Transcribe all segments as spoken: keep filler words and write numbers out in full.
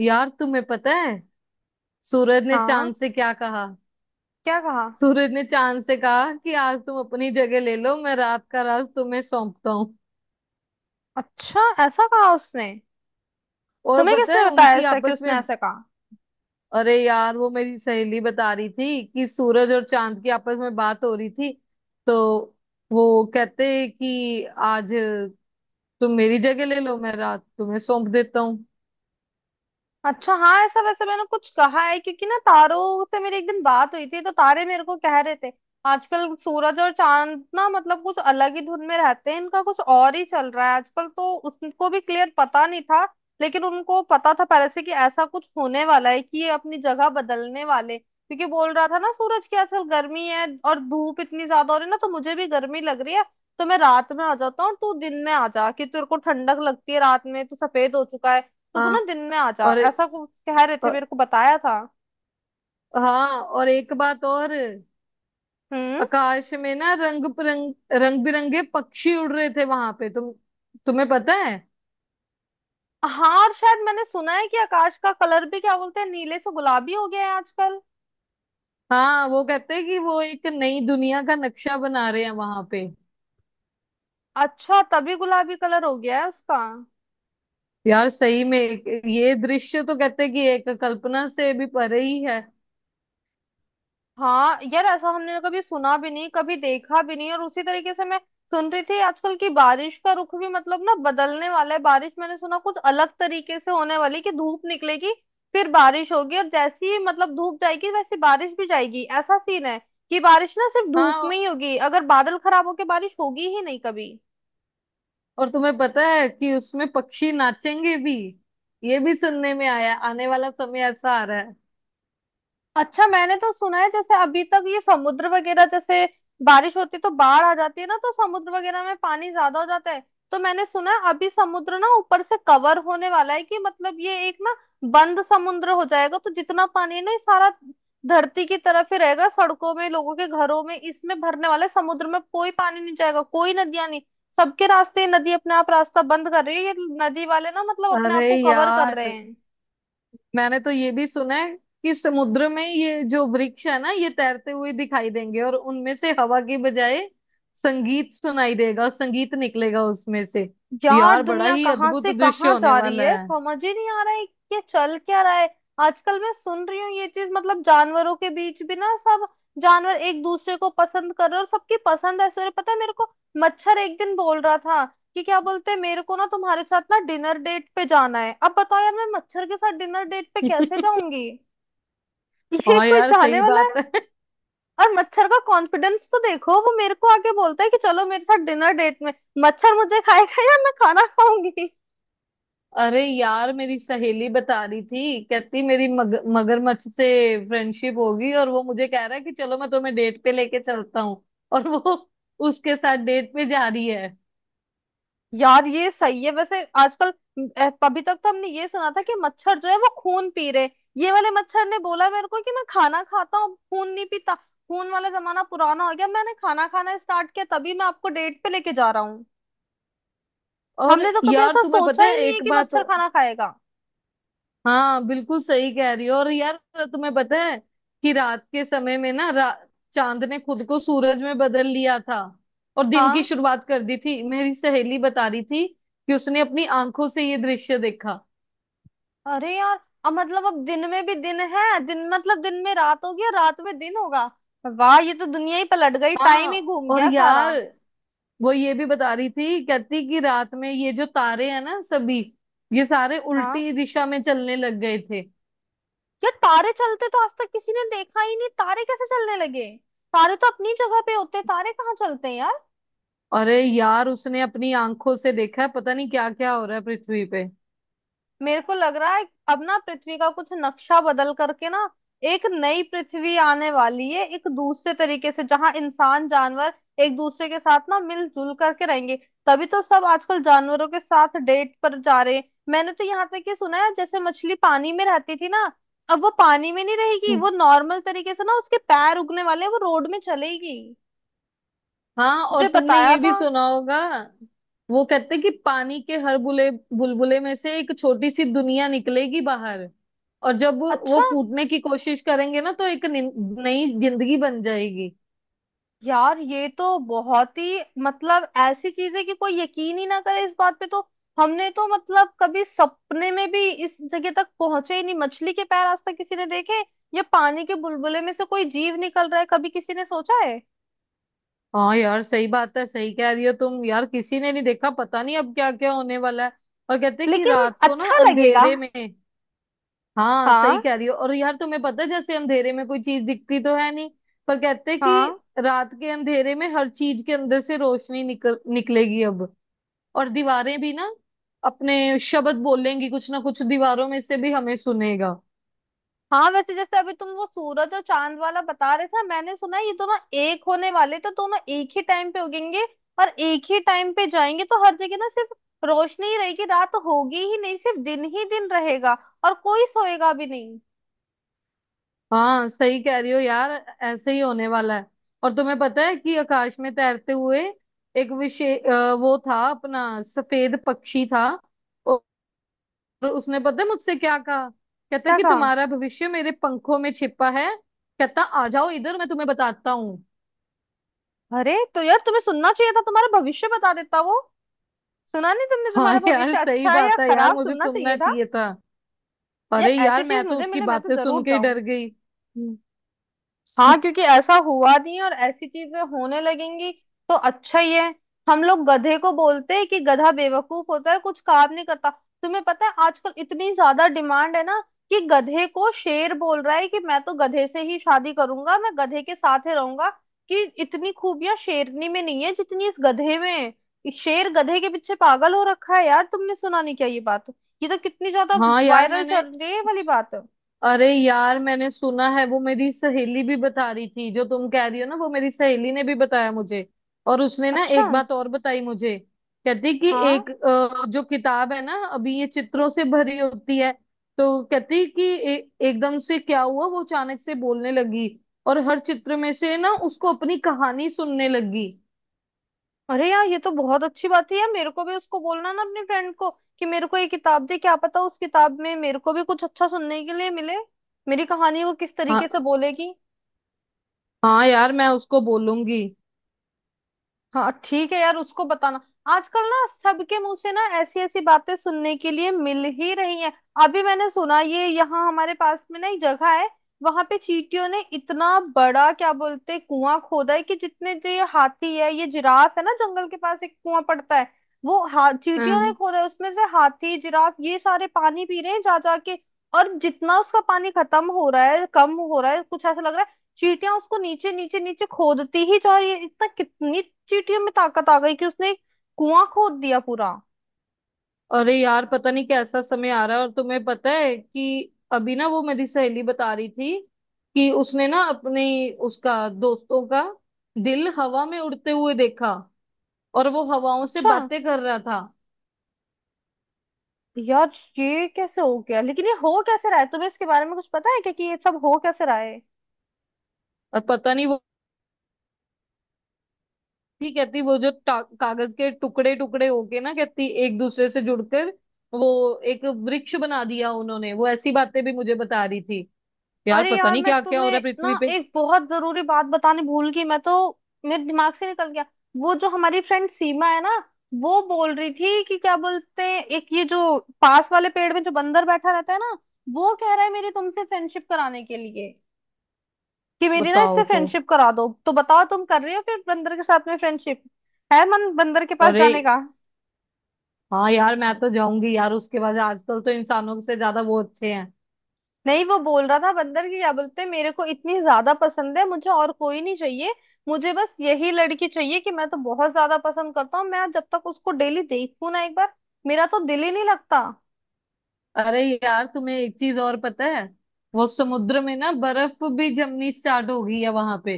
यार तुम्हें पता है सूरज ने हाँ। चांद से क्या कहा? क्या कहा? सूरज ने चांद से कहा कि आज तुम अपनी जगह ले लो, मैं रात का राज तुम्हें सौंपता हूँ। अच्छा, ऐसा कहा उसने? और तुम्हें पता किसने है बताया उनकी ऐसा कि आपस उसने में, ऐसा कहा? अरे यार वो मेरी सहेली बता रही थी कि सूरज और चांद की आपस में बात हो रही थी। तो वो कहते कि आज तुम मेरी जगह ले लो, मैं रात तुम्हें सौंप देता हूँ। अच्छा हाँ, ऐसा वैसे मैंने कुछ कहा है क्योंकि ना, तारों से मेरी एक दिन बात हुई थी, तो तारे मेरे को कह रहे थे आजकल सूरज और चांद ना मतलब कुछ अलग ही धुन में रहते हैं, इनका कुछ और ही चल रहा है आजकल। तो उसको भी क्लियर पता नहीं था, लेकिन उनको पता था पहले से कि ऐसा कुछ होने वाला है कि ये अपनी जगह बदलने वाले, क्योंकि बोल रहा था ना सूरज की आजकल गर्मी है और धूप इतनी ज्यादा हो रही है ना, तो मुझे भी गर्मी लग रही है। तो मैं रात में आ जाता हूँ और तू दिन में आ जा, कि तेरे को ठंडक लगती है रात में, तू सफेद हो चुका है तो तू ना हाँ। दिन में आ जा, और ऐसा कुछ कह रहे थे अ- मेरे को, बताया था। हाँ, और एक बात और, हम्म। आकाश में ना रंग बिरंग रंग बिरंगे पक्षी उड़ रहे थे वहां पे। तुम, तुम्हें पता है? हाँ, और शायद मैंने सुना है कि आकाश का कलर भी, क्या बोलते हैं, नीले से गुलाबी हो गया है आजकल। हाँ, वो कहते हैं कि वो एक नई दुनिया का नक्शा बना रहे हैं वहां पे। अच्छा, तभी गुलाबी कलर हो गया है उसका। यार सही में एक- ये दृश्य तो कहते हैं कि एक कल्पना से भी परे ही है। हाँ यार, ऐसा हमने तो कभी सुना भी नहीं, कभी देखा भी नहीं। और उसी तरीके से मैं सुन रही थी आजकल की बारिश का रुख भी मतलब ना बदलने वाला है। बारिश मैंने सुना कुछ अलग तरीके से होने वाली कि धूप निकलेगी, फिर बारिश होगी, और जैसी ही मतलब धूप जाएगी वैसी बारिश भी जाएगी, ऐसा सीन है। कि बारिश ना सिर्फ धूप में हाँ, ही होगी, अगर बादल खराब होके बारिश होगी ही नहीं कभी। और तुम्हें पता है कि उसमें पक्षी नाचेंगे भी। ये भी सुनने में आया, आने वाला समय ऐसा आ रहा है। अच्छा, मैंने तो सुना है जैसे अभी तक ये समुद्र वगैरह, जैसे बारिश होती है तो बाढ़ आ जाती है ना, तो समुद्र वगैरह में पानी ज्यादा हो जाता है। तो मैंने सुना है अभी समुद्र ना ऊपर से कवर होने वाला है, कि मतलब ये एक ना बंद समुद्र हो जाएगा, तो जितना पानी है ना ये सारा धरती की तरफ ही रहेगा, सड़कों में, लोगों के घरों में इसमें भरने वाला है, समुद्र में कोई पानी नहीं जाएगा, कोई नदियां नहीं, सबके रास्ते ये नदी अपने आप रास्ता बंद कर रही है, ये नदी वाले ना मतलब अपने आप अरे को कवर कर यार, रहे हैं। मैंने तो ये भी सुना है कि समुद्र में ये जो वृक्ष है ना, ये तैरते हुए दिखाई देंगे, और उनमें से हवा की बजाय संगीत सुनाई देगा, संगीत निकलेगा उसमें से। यार, यार बड़ा दुनिया ही कहाँ अद्भुत से दृश्य कहाँ होने जा रही वाला है, है। समझ ही नहीं आ रहा है कि ये चल क्या रहा है। आजकल मैं सुन रही हूँ ये चीज, मतलब जानवरों के बीच भी ना, सब जानवर एक दूसरे को पसंद कर रहे हैं और सबकी पसंद ऐसे हो रही है। पता है मेरे को, मच्छर एक दिन बोल रहा था कि क्या बोलते हैं, मेरे को ना तुम्हारे साथ ना डिनर डेट पे जाना है। अब बताओ यार, मैं मच्छर के साथ डिनर डेट पे कैसे जाऊंगी? ये हाँ कोई यार, जाने सही वाला बात है? है। और मच्छर का कॉन्फिडेंस तो देखो, वो मेरे को आके बोलता है कि चलो मेरे साथ डिनर डेट में। मच्छर मुझे खाएगा या मैं खाना खाऊंगी? अरे यार, मेरी सहेली बता रही थी, कहती मेरी मग, मगरमच्छ से फ्रेंडशिप होगी, और वो मुझे कह रहा है कि चलो मैं तुम्हें डेट पे लेके चलता हूँ। और वो उसके साथ डेट पे जा रही है। यार ये सही है वैसे आजकल। अ, अभी तक तो हमने ये सुना था कि मच्छर जो है वो खून पी रहे, ये वाले मच्छर ने बोला मेरे को कि मैं खाना खाता हूँ, खून नहीं पीता, खून वाला जमाना पुराना हो गया, मैंने खाना खाना स्टार्ट किया, तभी मैं आपको डेट पे लेके जा रहा हूँ। और हमने तो कभी यार ऐसा तुम्हें सोचा पता ही है नहीं है एक कि बात। मच्छर खाना खाएगा। हाँ, बिल्कुल सही कह रही हो। और यार, तुम्हें पता है कि रात के समय में ना रा- चांद ने खुद को सूरज में बदल लिया था, और दिन की हाँ। शुरुआत कर दी थी। मेरी सहेली बता रही थी कि उसने अपनी आंखों से ये दृश्य देखा। अरे यार, अब मतलब अब दिन में भी दिन है, दिन मतलब दिन में रात हो गया, रात में दिन होगा। वाह, ये तो दुनिया ही पलट गई, टाइम ही हाँ घूम और गया सारा। यार, वो ये भी बता रही थी, कहती कि रात में ये जो तारे हैं ना सभी, ये सारे हाँ। उल्टी दिशा में चलने लग गए थे। यार, तारे चलते तो आज तक किसी ने देखा ही नहीं, तारे कैसे चलने लगे? तारे तो अपनी जगह पे होते हैं, तारे कहाँ चलते हैं यार। अरे यार, उसने अपनी आंखों से देखा है। पता नहीं क्या क्या हो रहा है पृथ्वी पे। मेरे को लग रहा है अब ना पृथ्वी का कुछ नक्शा बदल करके ना एक नई पृथ्वी आने वाली है, एक दूसरे तरीके से जहाँ इंसान जानवर एक दूसरे के साथ ना मिलजुल करके रहेंगे। तभी तो सब आजकल जानवरों के साथ डेट पर जा रहे हैं। मैंने तो यहाँ तक ये सुना है जैसे मछली पानी में रहती थी ना, अब वो पानी में नहीं रहेगी, वो नॉर्मल तरीके से ना उसके पैर उगने वाले हैं, वो रोड में चलेगी। हाँ, और मुझे तुमने बताया ये भी था। सुना होगा, वो कहते कि पानी के हर बुले बुलबुले में से एक छोटी सी दुनिया निकलेगी बाहर। और जब वो अच्छा। फूटने की कोशिश करेंगे ना, तो एक नि- नई जिंदगी बन जाएगी। यार ये तो बहुत ही मतलब ऐसी चीज है कि कोई यकीन ही ना करे इस बात पे तो। हमने तो मतलब कभी सपने में भी इस जगह तक पहुंचे ही नहीं, मछली के पैर आज तक किसी ने देखे, या पानी के बुलबुले में से कोई जीव निकल रहा है कभी किसी ने सोचा है? हाँ यार सही बात है, सही कह रही हो तुम। यार किसी ने नहीं देखा, पता नहीं अब क्या क्या होने वाला है। और कहते कि लेकिन रात को ना, अच्छा लगेगा। अंधेरे में, हाँ सही हाँ। कह रही हो। और यार तुम्हें पता है, जैसे अंधेरे में कोई चीज दिखती तो है नहीं, पर कहते हैं हाँ, कि रात के अंधेरे में हर चीज के अंदर से रोशनी निकल निकलेगी अब। और दीवारें भी ना अपने शब्द बोलेंगी, कुछ ना कुछ दीवारों में से भी हमें सुनेगा। हाँ, वैसे जैसे अभी तुम वो सूरज और चांद वाला बता रहे थे, मैंने सुना है ये दोनों एक होने वाले, तो दोनों एक ही टाइम पे उगेंगे और एक ही टाइम पे जाएंगे, तो हर जगह ना सिर्फ रोशनी ही रहेगी, रात होगी ही नहीं, सिर्फ दिन ही दिन रहेगा, और कोई सोएगा भी नहीं। हाँ सही कह रही हो यार, ऐसे ही होने वाला है। और तुम्हें पता है कि आकाश में तैरते हुए एक विशेष, वो था अपना सफेद पक्षी था, और उसने पता है मुझसे क्या कहा? कहता क्या कि कहा? तुम्हारा भविष्य मेरे पंखों में छिपा है। कहता आ जाओ इधर, मैं तुम्हें बताता हूँ। अरे तो यार, तुम्हें सुनना चाहिए था, तुम्हारा भविष्य बता देता वो। सुना नहीं तुमने? हाँ तुम्हारा यार भविष्य सही अच्छा है या बात है, यार खराब, मुझे सुनना सुनना चाहिए था। चाहिए था। अरे यार यार, ऐसी चीज मैं तो मुझे उसकी मिले, मैं तो बातें सुन जरूर के ही जाऊं। डर गई। हम्म। हाँ, क्योंकि ऐसा हुआ नहीं और ऐसी चीजें होने लगेंगी तो अच्छा ही है। हम लोग गधे को बोलते हैं कि गधा बेवकूफ होता है, कुछ काम नहीं करता। तुम्हें पता है आजकल इतनी ज्यादा डिमांड है ना कि गधे को शेर बोल रहा है कि मैं तो गधे से ही शादी करूंगा, मैं गधे के साथ ही रहूंगा, कि इतनी खूबियां शेरनी में नहीं है जितनी इस गधे में है। इस शेर गधे के पीछे पागल हो रखा है। यार, तुमने सुना नहीं क्या ये बात? ये तो कितनी ज्यादा हाँ यार वायरल मैंने, चल रही है ये वाली बात। अरे यार मैंने सुना है, वो मेरी सहेली भी बता रही थी। जो तुम कह रही हो ना, वो मेरी सहेली ने भी बताया मुझे। और उसने ना अच्छा। एक बात और बताई मुझे, कहती कि हाँ। एक अ, जो किताब है ना, अभी ये चित्रों से भरी होती है, तो कहती कि ए, एकदम से क्या हुआ, वो अचानक से बोलने लगी, और हर चित्र में से ना उसको अपनी कहानी सुनने लगी। अरे यार, ये तो बहुत अच्छी बात है। यार मेरे को भी उसको बोलना ना, अपने फ्रेंड को कि मेरे को ये किताब दे, क्या पता उस किताब में मेरे को भी कुछ अच्छा सुनने के लिए मिले, मेरी कहानी वो किस तरीके से हाँ। बोलेगी। हाँ यार, मैं उसको बोलूंगी। हाँ ठीक है यार, उसको बताना। आजकल ना सबके मुंह से ना ऐसी ऐसी बातें सुनने के लिए मिल ही रही हैं। अभी मैंने सुना, ये यहाँ हमारे पास में ना एक जगह है, वहां पे चींटियों ने इतना बड़ा, क्या बोलते हैं, कुआं खोदा है। कि जितने जो ये हाथी है, ये जिराफ है ना, जंगल के पास एक कुआं पड़ता है, वो हा चींटियों ने हाँ। खोदा है, उसमें से हाथी जिराफ ये सारे पानी पी रहे हैं जा जा के। और जितना उसका पानी खत्म हो रहा है, कम हो रहा है, कुछ ऐसा लग रहा है चींटियां उसको नीचे नीचे नीचे खोदती ही जा रही है। इतना, कितनी चींटियों में ताकत आ गई कि उसने एक कुआं खोद दिया पूरा। अरे यार, पता नहीं कैसा समय आ रहा है। और तुम्हें पता है कि अभी ना वो मेरी सहेली बता रही थी कि उसने ना अपने उसका दोस्तों का दिल हवा में उड़ते हुए देखा, और वो हवाओं से अच्छा। बातें कर रहा था। यार ये कैसे हो गया, लेकिन ये हो कैसे रहा है? तुम्हें इसके बारे में कुछ पता है क्या कि ये सब हो कैसे रहा है? और पता नहीं वो भी कहती, वो जो टा- कागज के टुकड़े टुकड़े होके ना, कहती एक दूसरे से जुड़कर वो एक वृक्ष बना दिया उन्होंने। वो ऐसी बातें भी मुझे बता रही थी। यार अरे पता यार, नहीं मैं क्या क्या हो रहा तुम्हें है ना पृथ्वी पे। एक बहुत जरूरी बात बताने भूल गई मैं तो, मेरे दिमाग से निकल गया। वो जो हमारी फ्रेंड सीमा है ना, वो बोल रही थी कि क्या बोलते हैं, एक ये जो पास वाले पेड़ में जो बंदर बैठा रहता है ना, वो कह रहा है मेरी तुमसे फ्रेंडशिप कराने के लिए, कि मेरी ना इससे बताओ तो। फ्रेंडशिप करा दो। तो बताओ, तुम कर रहे हो फिर बंदर के साथ में फ्रेंडशिप? है मन बंदर के पास अरे, जाने का? हाँ यार, मैं तो जाऊंगी यार उसके बाद। आजकल तो इंसानों से ज्यादा वो अच्छे हैं। नहीं, वो बोल रहा था बंदर की, क्या बोलते हैं, मेरे को इतनी ज्यादा पसंद है, मुझे और कोई नहीं चाहिए, मुझे बस यही लड़की चाहिए, कि मैं तो बहुत ज्यादा पसंद करता हूँ, मैं जब तक उसको डेली देखूं ना एक बार, मेरा तो दिल ही नहीं लगता। अरे यार, तुम्हें एक चीज और पता है। वो समुद्र में ना बर्फ भी जमनी स्टार्ट हो गई है वहां पे।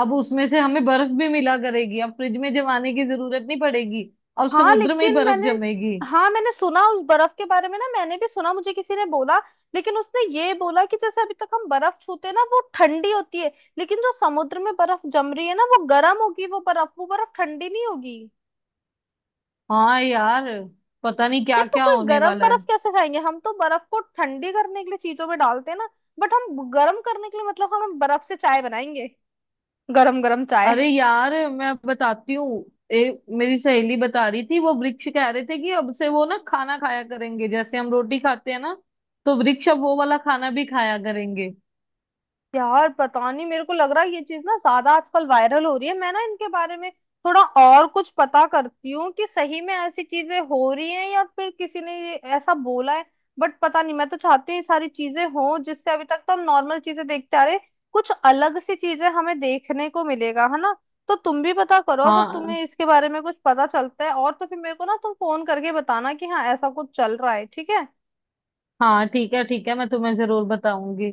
अब उसमें से हमें बर्फ भी मिला करेगी, अब फ्रिज में जमाने की जरूरत नहीं पड़ेगी। अब हाँ समुद्र में ही लेकिन बर्फ मैंने जमेगी। हाँ, मैंने सुना उस बर्फ के बारे में ना, मैंने भी सुना, मुझे किसी ने बोला। लेकिन उसने ये बोला कि जैसे अभी तक हम बर्फ छूते हैं ना वो ठंडी होती है, लेकिन जो समुद्र में बर्फ जम रही है ना वो गर्म होगी, वो बर्फ, वो बर्फ ठंडी नहीं होगी। हाँ यार, पता नहीं यार क्या तो क्या कोई होने गर्म वाला है। बर्फ कैसे खाएंगे? हम तो बर्फ को ठंडी करने के लिए चीजों में डालते हैं ना, बट हम गर्म करने के लिए, मतलब हम बर्फ से चाय बनाएंगे, गरम गरम चाय। अरे यार, मैं बताती हूँ। एक मेरी सहेली बता रही थी, वो वृक्ष कह रहे थे कि अब से वो ना खाना खाया करेंगे। जैसे हम रोटी खाते हैं ना, तो वृक्ष अब वो वाला खाना भी खाया करेंगे। यार पता नहीं, मेरे को लग रहा है ये चीज ना ज्यादा आजकल वायरल हो रही है। मैं ना इनके बारे में थोड़ा और कुछ पता करती हूँ कि सही में ऐसी चीजें हो रही हैं या फिर किसी ने ये ऐसा बोला है। बट पता नहीं, मैं तो चाहती हूँ ये सारी चीजें हों, जिससे अभी तक तो हम नॉर्मल चीजें देखते आ रहे हैं, कुछ अलग सी चीजें हमें देखने को मिलेगा, है ना। तो तुम भी पता करो, अगर हाँ। तुम्हें इसके बारे में कुछ पता चलता है और, तो फिर मेरे को ना तुम फोन करके बताना कि हाँ ऐसा कुछ चल रहा है, ठीक है। हाँ ठीक है, ठीक है, मैं तुम्हें जरूर बताऊंगी।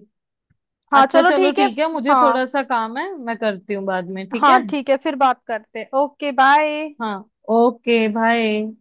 हाँ, अच्छा चलो चलो ठीक है। ठीक है, मुझे थोड़ा हाँ, सा काम है, मैं करती हूँ बाद में, ठीक हाँ है? ठीक है, फिर बात करते हैं, ओके बाय। हाँ ओके बाय।